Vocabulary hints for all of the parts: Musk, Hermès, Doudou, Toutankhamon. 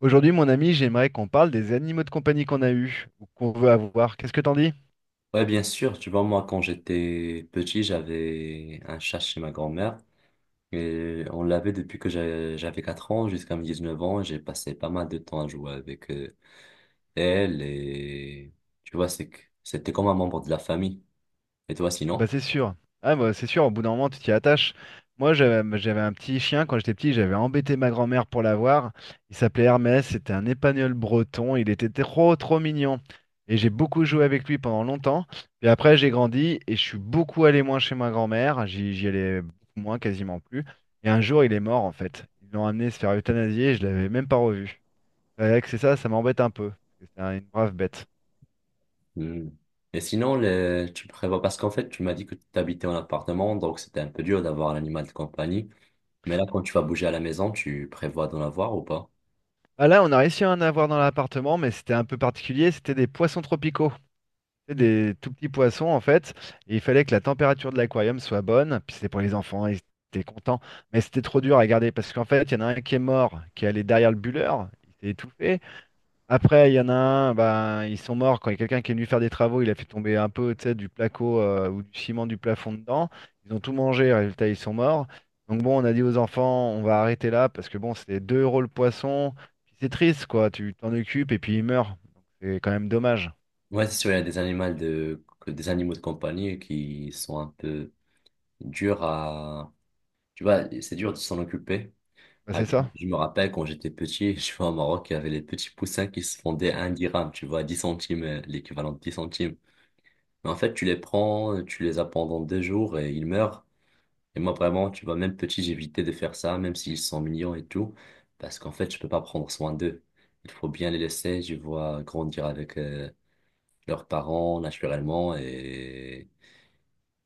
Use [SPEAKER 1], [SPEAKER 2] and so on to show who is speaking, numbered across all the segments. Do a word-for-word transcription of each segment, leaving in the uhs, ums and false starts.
[SPEAKER 1] Aujourd'hui, mon ami, j'aimerais qu'on parle des animaux de compagnie qu'on a eus ou qu'on veut avoir. Qu'est-ce que t'en dis?
[SPEAKER 2] Ouais, bien sûr. Tu vois, moi, quand j'étais petit, j'avais un chat chez ma grand-mère. Et on l'avait depuis que j'a- j'avais quatre ans jusqu'à mes dix neuf ans. J'ai passé pas mal de temps à jouer avec euh, elle. Et tu vois, c'est que c'était comme un membre de la famille. Et toi,
[SPEAKER 1] Ah bah
[SPEAKER 2] sinon?
[SPEAKER 1] c'est sûr. Ah bah c'est sûr, au bout d'un moment, tu t'y attaches. Moi, j'avais j'avais un petit chien quand j'étais petit, j'avais embêté ma grand-mère pour l'avoir. Il s'appelait Hermès, c'était un épagneul breton, il était trop trop mignon. Et j'ai beaucoup joué avec lui pendant longtemps. Puis après, j'ai grandi et je suis beaucoup allé moins chez ma grand-mère, j'y j'y allais beaucoup moins, quasiment plus. Et un jour, il est mort en fait. Ils l'ont amené se faire euthanasier et je l'avais même pas revu. C'est vrai que c'est ça, ça m'embête un peu. parce que C'est un- une brave bête.
[SPEAKER 2] Hmm. Et sinon, le- tu prévois, parce qu'en fait, tu m'as dit que tu habitais en appartement, donc c'était un peu dur d'avoir un animal de compagnie. Mais là, quand tu vas bouger à la maison, tu prévois d'en avoir ou pas?
[SPEAKER 1] Ah là, on a réussi à en avoir dans l'appartement, mais c'était un peu particulier. C'était des poissons tropicaux. C'était des tout petits poissons, en fait. Et il fallait que la température de l'aquarium soit bonne. Puis c'était pour les enfants, ils étaient contents. Mais c'était trop dur à garder parce qu'en fait, il y en a un qui est mort, qui est allé derrière le bulleur. Il s'est étouffé. Après, il y en a un, ben, ils sont morts. Quand il y a quelqu'un qui est venu faire des travaux, il a fait tomber un peu, tu sais, du placo euh, ou du ciment du plafond dedans. Ils ont tout mangé, résultat, ils sont morts. Donc bon, on a dit aux enfants, on va arrêter là parce que bon, c'est deux euros le poisson. Puis c'est triste, quoi. Tu t'en occupes et puis il meurt. Donc, C'est quand même dommage.
[SPEAKER 2] Ouais, c'est sûr, il y a des animaux de, que- des animaux de compagnie qui sont un peu durs à, tu vois, c'est dur de s'en occuper.
[SPEAKER 1] Bah,
[SPEAKER 2] Par
[SPEAKER 1] c'est
[SPEAKER 2] exemple,
[SPEAKER 1] ça.
[SPEAKER 2] je me rappelle quand j'étais petit, je vois au Maroc, il y avait les petits poussins qui se vendaient à un dirham, tu vois, dix centimes, euh, l'équivalent de dix centimes. Mais en fait, tu les prends, tu les as pendant deux jours et ils meurent. Et moi, vraiment, tu vois, même petit, j'évitais de faire ça, même s'ils sont mignons et tout, parce qu'en fait, je peux pas prendre soin d'eux. Il faut bien les laisser, je vois, grandir avec, euh, leurs parents naturellement. Et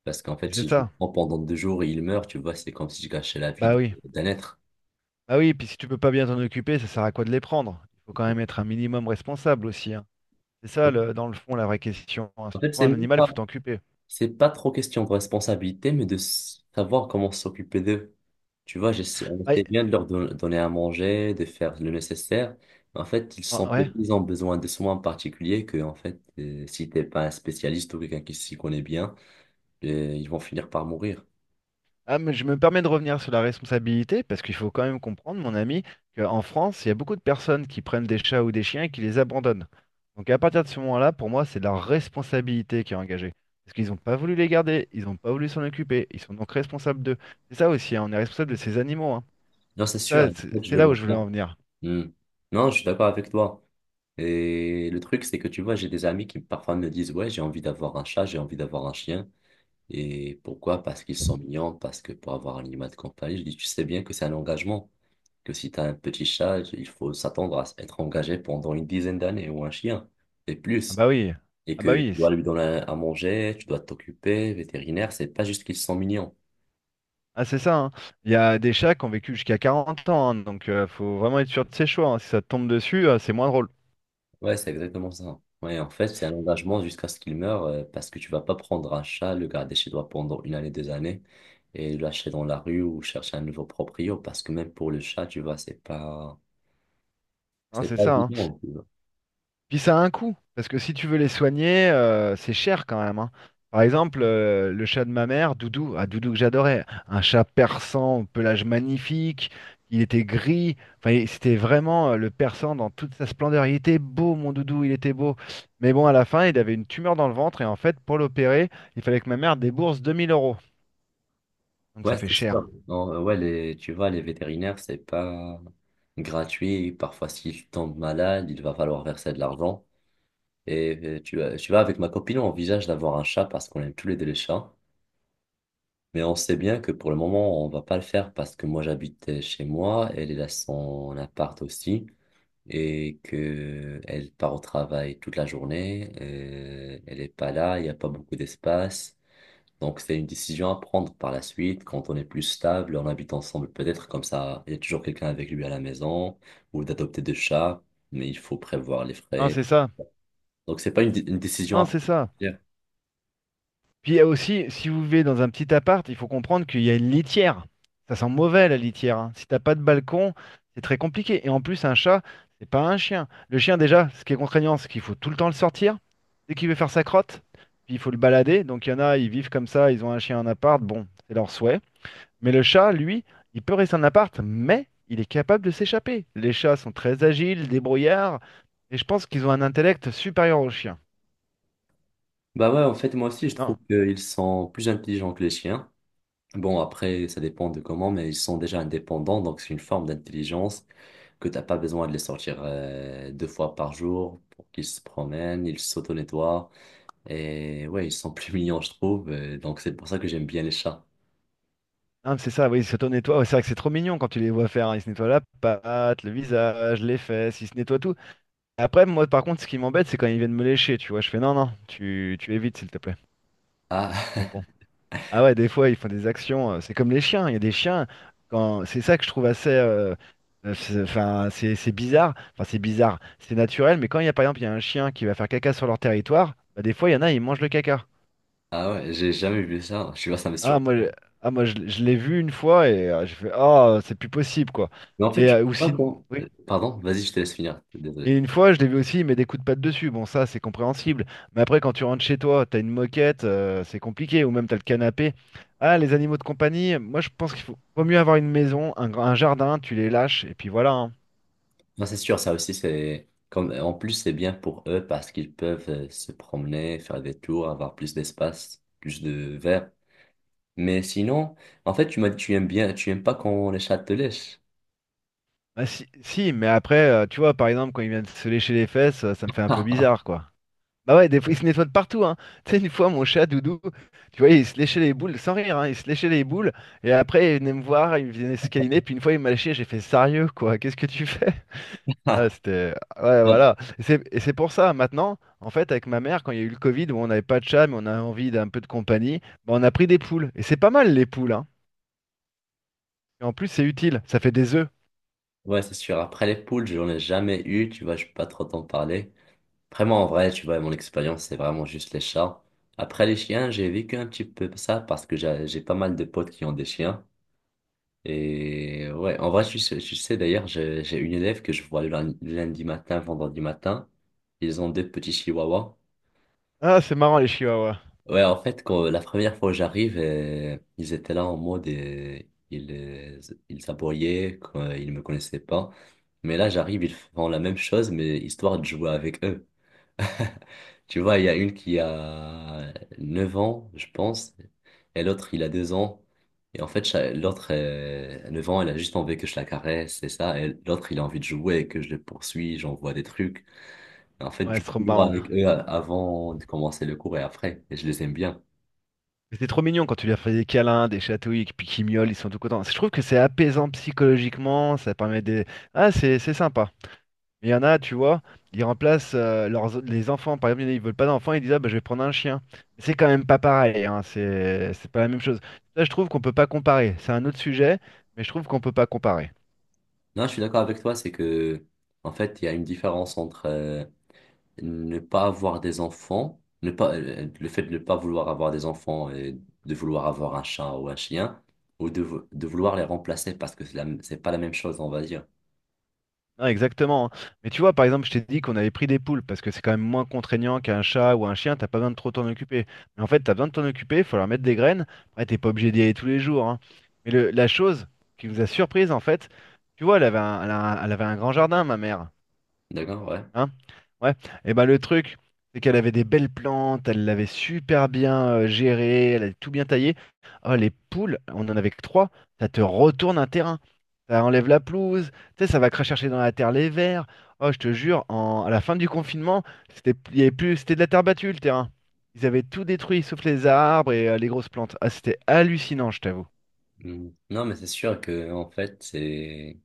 [SPEAKER 2] parce qu'en fait,
[SPEAKER 1] C'est
[SPEAKER 2] si je le
[SPEAKER 1] ça.
[SPEAKER 2] prends pendant deux jours et il meurt, tu vois, c'est comme si je gâchais la vie
[SPEAKER 1] Bah
[SPEAKER 2] de-
[SPEAKER 1] oui.
[SPEAKER 2] d'un être.
[SPEAKER 1] Bah oui, puis si tu peux pas bien t'en occuper, ça sert à quoi de les prendre? Il faut quand même être un minimum responsable aussi, hein. C'est ça, le- dans le fond, la vraie question, hein.
[SPEAKER 2] En
[SPEAKER 1] Si tu
[SPEAKER 2] fait,
[SPEAKER 1] prends
[SPEAKER 2] c'est
[SPEAKER 1] un
[SPEAKER 2] même
[SPEAKER 1] animal,
[SPEAKER 2] pas,
[SPEAKER 1] faut t'en occuper.
[SPEAKER 2] c'est pas trop question de responsabilité, mais de s- savoir comment s'occuper d'eux. Tu vois, j'essaie, on
[SPEAKER 1] Bah, y-
[SPEAKER 2] essaie bien de leur don- donner à manger, de faire le nécessaire. Mais en fait, ils
[SPEAKER 1] ah,
[SPEAKER 2] sont
[SPEAKER 1] ouais.
[SPEAKER 2] ils ont besoin de soins particuliers que, en fait, euh, si t'es pas un spécialiste ou quelqu'un qui s'y connaît bien, euh, ils vont finir par mourir.
[SPEAKER 1] Ah, mais je me permets de revenir sur la responsabilité parce qu'il faut quand même comprendre, mon ami, qu'en France, il y a beaucoup de personnes qui prennent des chats ou des chiens et qui les abandonnent. Donc à partir de ce moment-là, pour moi, c'est leur responsabilité qui est engagée. Parce qu'ils n'ont pas voulu les garder, ils n'ont pas voulu s'en occuper, ils sont donc responsables d'eux. C'est ça aussi, hein, on est responsable de ces animaux, hein.
[SPEAKER 2] Non, c'est sûr,
[SPEAKER 1] Ça,
[SPEAKER 2] en
[SPEAKER 1] c'est
[SPEAKER 2] fait, je
[SPEAKER 1] c'est
[SPEAKER 2] le
[SPEAKER 1] là où
[SPEAKER 2] vois
[SPEAKER 1] je voulais
[SPEAKER 2] bien.
[SPEAKER 1] en venir.
[SPEAKER 2] Hmm. Non, je suis d'accord avec toi. Et le truc, c'est que tu vois, j'ai des amis qui parfois me disent, ouais, j'ai envie d'avoir un chat, j'ai envie d'avoir un chien. Et pourquoi? Parce qu'ils sont mignons, parce que pour avoir un animal de compagnie, je dis, tu sais bien que c'est un engagement, que si tu as un petit chat, il faut s'attendre à être engagé pendant une dizaine d'années, ou un chien, et
[SPEAKER 1] Ah
[SPEAKER 2] plus.
[SPEAKER 1] bah oui,
[SPEAKER 2] Et
[SPEAKER 1] ah bah
[SPEAKER 2] que tu
[SPEAKER 1] oui,
[SPEAKER 2] dois
[SPEAKER 1] c'est-
[SPEAKER 2] lui donner à manger, tu dois t'occuper, vétérinaire, c'est pas juste qu'ils sont mignons.
[SPEAKER 1] ah c'est ça, hein. Il y a des chats qui ont vécu jusqu'à 40 ans, hein, donc euh, faut vraiment être sûr de ses choix, hein. Si ça te tombe dessus, euh, c'est moins drôle.
[SPEAKER 2] Ouais, c'est exactement ça. Ouais, en fait, c'est un engagement jusqu'à ce qu'il meure, euh, parce que tu vas pas prendre un chat, le garder chez toi pendant une année, deux années, et le lâcher dans la rue ou chercher un nouveau proprio, parce que même pour le chat, tu vois, c'est pas,
[SPEAKER 1] Hein,
[SPEAKER 2] c'est
[SPEAKER 1] c'est
[SPEAKER 2] pas
[SPEAKER 1] ça, hein.
[SPEAKER 2] évident. Tu vois.
[SPEAKER 1] Puis ça a un coût, parce que si tu veux les soigner, euh, c'est cher quand même, hein. Par exemple, euh, le chat de ma mère, Doudou, ah, Doudou que j'adorais, un chat persan, au pelage magnifique, il était gris, enfin il- c'était vraiment euh, le persan dans toute sa splendeur. Il était beau, mon Doudou, il était beau. Mais bon, à la fin, il avait une tumeur dans le ventre, et en fait, pour l'opérer, il fallait que ma mère débourse deux mille euros. Donc ça
[SPEAKER 2] Ouais,
[SPEAKER 1] fait
[SPEAKER 2] c'est
[SPEAKER 1] cher.
[SPEAKER 2] sûr. Non, euh, ouais, les, tu vois, les vétérinaires, c'est pas gratuit. Parfois, s'il tombe malade, il va falloir verser de l'argent. Et euh, tu, vois- tu vois, avec ma copine, on envisage d'avoir un chat parce qu'on aime tous les deux les chats. Mais on sait bien que pour le moment, on va pas le faire, parce que moi, j'habite chez moi, elle elle a son appart aussi, et que elle part au travail toute la journée. Euh, elle est pas là, il n'y a pas beaucoup d'espace. Donc, c'est une décision à prendre par la suite, quand on est plus stable, on habite ensemble, peut-être comme ça il y a toujours quelqu'un avec lui à la maison, ou d'adopter deux chats, mais il faut prévoir les
[SPEAKER 1] Non,
[SPEAKER 2] frais.
[SPEAKER 1] c'est ça.
[SPEAKER 2] Donc, c'est pas une, dé- une décision à
[SPEAKER 1] Non, c'est ça.
[SPEAKER 2] prendre.
[SPEAKER 1] Puis il y a aussi, si vous vivez dans un petit appart, il faut comprendre qu'il y a une litière. Ça sent mauvais la litière, hein. Si t'as pas de balcon, c'est très compliqué. Et en plus, un chat, c'est pas un chien. Le chien, déjà, ce qui est contraignant, c'est qu'il faut tout le temps le sortir. Dès qu'il veut faire sa crotte, puis il faut le balader. Donc il y en a, ils vivent comme ça, ils ont un chien en appart, bon, c'est leur souhait. Mais le chat, lui, il peut rester en appart, mais il est capable de s'échapper. Les chats sont très agiles, débrouillards, et je pense qu'ils ont un intellect supérieur aux chiens.
[SPEAKER 2] Bah ouais, en fait, moi aussi, je trouve
[SPEAKER 1] Non,
[SPEAKER 2] qu'ils sont plus intelligents que les chiens. Bon, après, ça dépend de comment, mais ils sont déjà indépendants, donc c'est une forme d'intelligence, que t'as pas besoin de les sortir euh, deux fois par jour pour qu'ils se promènent, ils s'auto-nettoient. Et ouais, ils sont plus mignons, je trouve. euh, donc c'est pour ça que j'aime bien les chats.
[SPEAKER 1] Ah, mais c'est ça, oui, ils s'auto-nettoient. Ouais, c'est vrai que c'est trop mignon quand tu les vois faire, hein. Ils se nettoient la patte, le visage, les fesses, ils se nettoient tout. Après, moi, par contre, ce qui m'embête, c'est quand ils viennent me lécher, tu vois. Je fais non, non, tu, tu évites, s'il te plaît.
[SPEAKER 2] Ah,
[SPEAKER 1] Donc bon. Ah ouais, des fois, ils font des actions. euh, C'est comme les chiens. Il y a des chiens, quand... c'est ça que je trouve assez. euh, euh, c'est- Enfin, c'est c'est bizarre. Enfin, c'est bizarre. C'est naturel, mais quand il y a, par exemple, il y a un chien qui va faire caca sur leur territoire, bah, des fois, il y en a, ils mangent le caca.
[SPEAKER 2] ah ouais, j'ai jamais vu ça. Je suis pas, ça me
[SPEAKER 1] Ah moi, je-
[SPEAKER 2] surprend.
[SPEAKER 1] ah, moi je, l'ai je l'ai vu une fois et euh, j'ai fait ah c'est plus possible, quoi.
[SPEAKER 2] Mais en fait,
[SPEAKER 1] Les,
[SPEAKER 2] tu sais
[SPEAKER 1] euh, ou
[SPEAKER 2] pas
[SPEAKER 1] si-
[SPEAKER 2] quand.
[SPEAKER 1] Oui.
[SPEAKER 2] euh, Pardon, vas-y, je te laisse finir.
[SPEAKER 1] Et
[SPEAKER 2] Désolé.
[SPEAKER 1] une fois je l'ai vu aussi il met des coups de patte dessus. Bon ça c'est compréhensible. Mais après quand tu rentres chez toi t'as une moquette, euh, c'est compliqué ou même t'as le canapé. Ah, les animaux de compagnie, moi je pense qu'il faut vaut mieux avoir une maison, un, grand- un jardin, tu les lâches et puis voilà, hein.
[SPEAKER 2] Non, c'est sûr, ça aussi, c'est. Comme, en plus, c'est bien pour eux parce qu'ils peuvent euh, se promener, faire des tours, avoir plus d'espace, plus de verre. Mais sinon, en fait, tu m'as dit tu aimes bien, tu aimes pas quand les chats te lèchent.
[SPEAKER 1] Ah, si, si mais après euh, tu vois par exemple quand ils viennent se lécher les fesses, euh, ça me fait un peu bizarre, quoi. Bah ouais, des fois, il se nettoie de partout, hein. Tu sais, une fois, mon chat, Doudou, tu vois, il se léchait les boules, sans rire, hein, il se léchait les boules, et après, il venait me voir, il venait se câliner, puis une fois, il m'a léché, j'ai fait, sérieux, quoi, qu'est-ce que tu fais? Ah, c'était... ouais, voilà. Et c'est et c'est pour ça, maintenant, en fait, avec ma mère, quand il y a eu le Covid, où on n'avait pas de chat, mais on avait envie d'un peu de compagnie, bah, on a pris des poules. Et c'est pas mal, les poules, hein. Et en plus, c'est utile, ça fait des œufs.
[SPEAKER 2] Ouais, c'est sûr. Après les poules, j'en ai jamais eu, tu vois, je peux pas trop t'en parler. Vraiment, en vrai, tu vois, mon expérience, c'est vraiment juste les chats. Après les chiens, j'ai vécu un petit peu ça parce que j'ai j'ai pas mal de potes qui ont des chiens. Et ouais, en vrai, tu sais, tu sais d'ailleurs, j'ai j'ai une élève que je vois le lun- lundi matin, vendredi matin. Ils ont deux petits chihuahuas.
[SPEAKER 1] Ah, c'est marrant, les chihuahuas.
[SPEAKER 2] Ouais, en fait, quand la première fois que j'arrive, euh, ils étaient là en mode, euh, ils, euh, ils s'aboyaient, quoi, ils me connaissaient pas. Mais là, j'arrive, ils font la même chose, mais histoire de jouer avec eux. Tu vois, il y a une qui a neuf ans, je pense, et l'autre, il a deux ans. Et en fait, cha- l'autre, euh, 9 ans, elle a juste envie que je la caresse, c'est ça. Et l'autre, il a envie de jouer, que je le poursuis, j'envoie des trucs. En fait, je
[SPEAKER 1] Ouais, c'est
[SPEAKER 2] joue
[SPEAKER 1] trop
[SPEAKER 2] toujours
[SPEAKER 1] marrant.
[SPEAKER 2] avec eux euh, avant de commencer le cours et après. Et je les aime bien.
[SPEAKER 1] Mais C'est trop mignon quand tu lui as fait des câlins, des chatouilles, et puis qu'ils miaulent, ils sont tout contents. Je trouve que c'est apaisant psychologiquement, ça permet des. Ah, c'est c'est sympa. Mais Il y en a, tu vois, ils remplacent euh, leurs, les enfants. Par exemple, il y en a, ils veulent pas d'enfants, ils disent, ah, bah, je vais prendre un chien. Mais C'est quand même pas pareil, hein, c'est c'est pas la même chose. Là, je trouve qu'on peut pas comparer. C'est un autre sujet, mais je trouve qu'on peut pas comparer.
[SPEAKER 2] Non, je suis d'accord avec toi, c'est que, en fait, il y a une différence entre euh, ne pas avoir des enfants, ne pas, euh, euh, le fait de ne pas vouloir avoir des enfants et de vouloir avoir un chat ou un chien, ou de, vou- de vouloir les remplacer parce que c'est la c'est pas la même chose, on va dire.
[SPEAKER 1] Non, exactement, hein. Mais tu vois, par exemple, je t'ai dit qu'on avait pris des poules parce que c'est quand même moins contraignant qu'un chat ou un chien, t'as pas besoin de trop t'en occuper. Mais en fait, t'as besoin de t'en occuper, il faut leur mettre des graines. Après, t'es pas obligé d'y aller tous les jours, hein. Mais le- la chose qui nous a surprise, en fait, tu vois, elle avait un, elle a un- elle avait un grand jardin, ma mère.
[SPEAKER 2] D'accord, ouais.
[SPEAKER 1] Hein? Ouais. Et ben le truc, c'est qu'elle avait des belles plantes, elle l'avait super bien euh, gérée, elle avait tout bien taillé. Oh, les poules, on en avait que trois, ça te retourne un terrain. Ça enlève la pelouse, tu sais, ça va cracher dans la terre les vers. Oh, je te jure, en- à la fin du confinement, c'était il y avait plus, c'était de la terre battue le terrain. Ils avaient tout détruit, sauf les arbres et euh, les grosses plantes. Ah, c'était hallucinant, je t'avoue.
[SPEAKER 2] Mm. Non, mais c'est sûr que, en fait, c'est,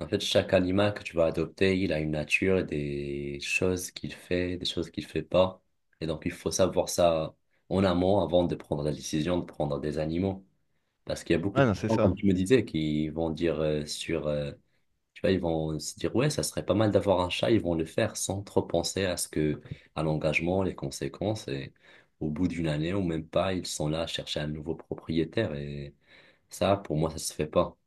[SPEAKER 2] en fait, chaque animal que tu vas adopter, il a une nature, et des choses qu'il fait, des choses qu'il fait pas. Et donc, il faut savoir ça en amont avant de prendre la décision de prendre des animaux. Parce qu'il y a beaucoup
[SPEAKER 1] Ah
[SPEAKER 2] de
[SPEAKER 1] non, c'est
[SPEAKER 2] gens, comme
[SPEAKER 1] ça.
[SPEAKER 2] tu me disais, qui vont dire euh, sur, euh, tu vois, ils vont se dire, ouais, ça serait pas mal d'avoir un chat, ils vont le faire sans trop penser à ce que, à l'engagement, les conséquences, et au bout d'une année ou même pas, ils sont là à chercher un nouveau propriétaire, et ça, pour moi, ça se fait pas.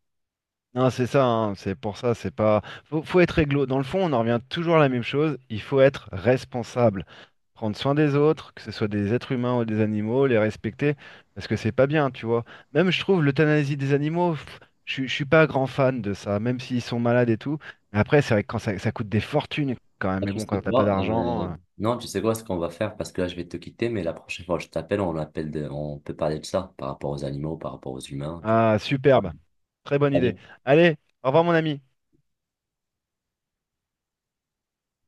[SPEAKER 1] Non, c'est ça, hein, c'est pour ça, c'est pas. Faut, faut être réglo. Dans le fond, on en revient toujours à la même chose. Il faut être responsable. Prendre soin des autres, que ce soit des êtres humains ou des animaux, les respecter, parce que c'est pas bien, tu vois. Même, je trouve, l'euthanasie des animaux, pff, je, suis je suis pas grand fan de ça, même s'ils sont malades et tout. Mais Après, c'est vrai que quand ça, ça coûte des fortunes quand même,
[SPEAKER 2] Ah,
[SPEAKER 1] mais
[SPEAKER 2] tu
[SPEAKER 1] bon,
[SPEAKER 2] sais
[SPEAKER 1] quand t'as pas
[SPEAKER 2] quoi? Euh,
[SPEAKER 1] d'argent. euh,
[SPEAKER 2] non, tu sais quoi, ce qu'on va faire, parce que là, je vais te quitter, mais la prochaine fois que je t'appelle, on appelle de- on peut parler de ça, par rapport aux animaux, par rapport aux humains. Tu-
[SPEAKER 1] Ah, superbe. Très bonne idée.
[SPEAKER 2] allez
[SPEAKER 1] Allez, au revoir, mon ami.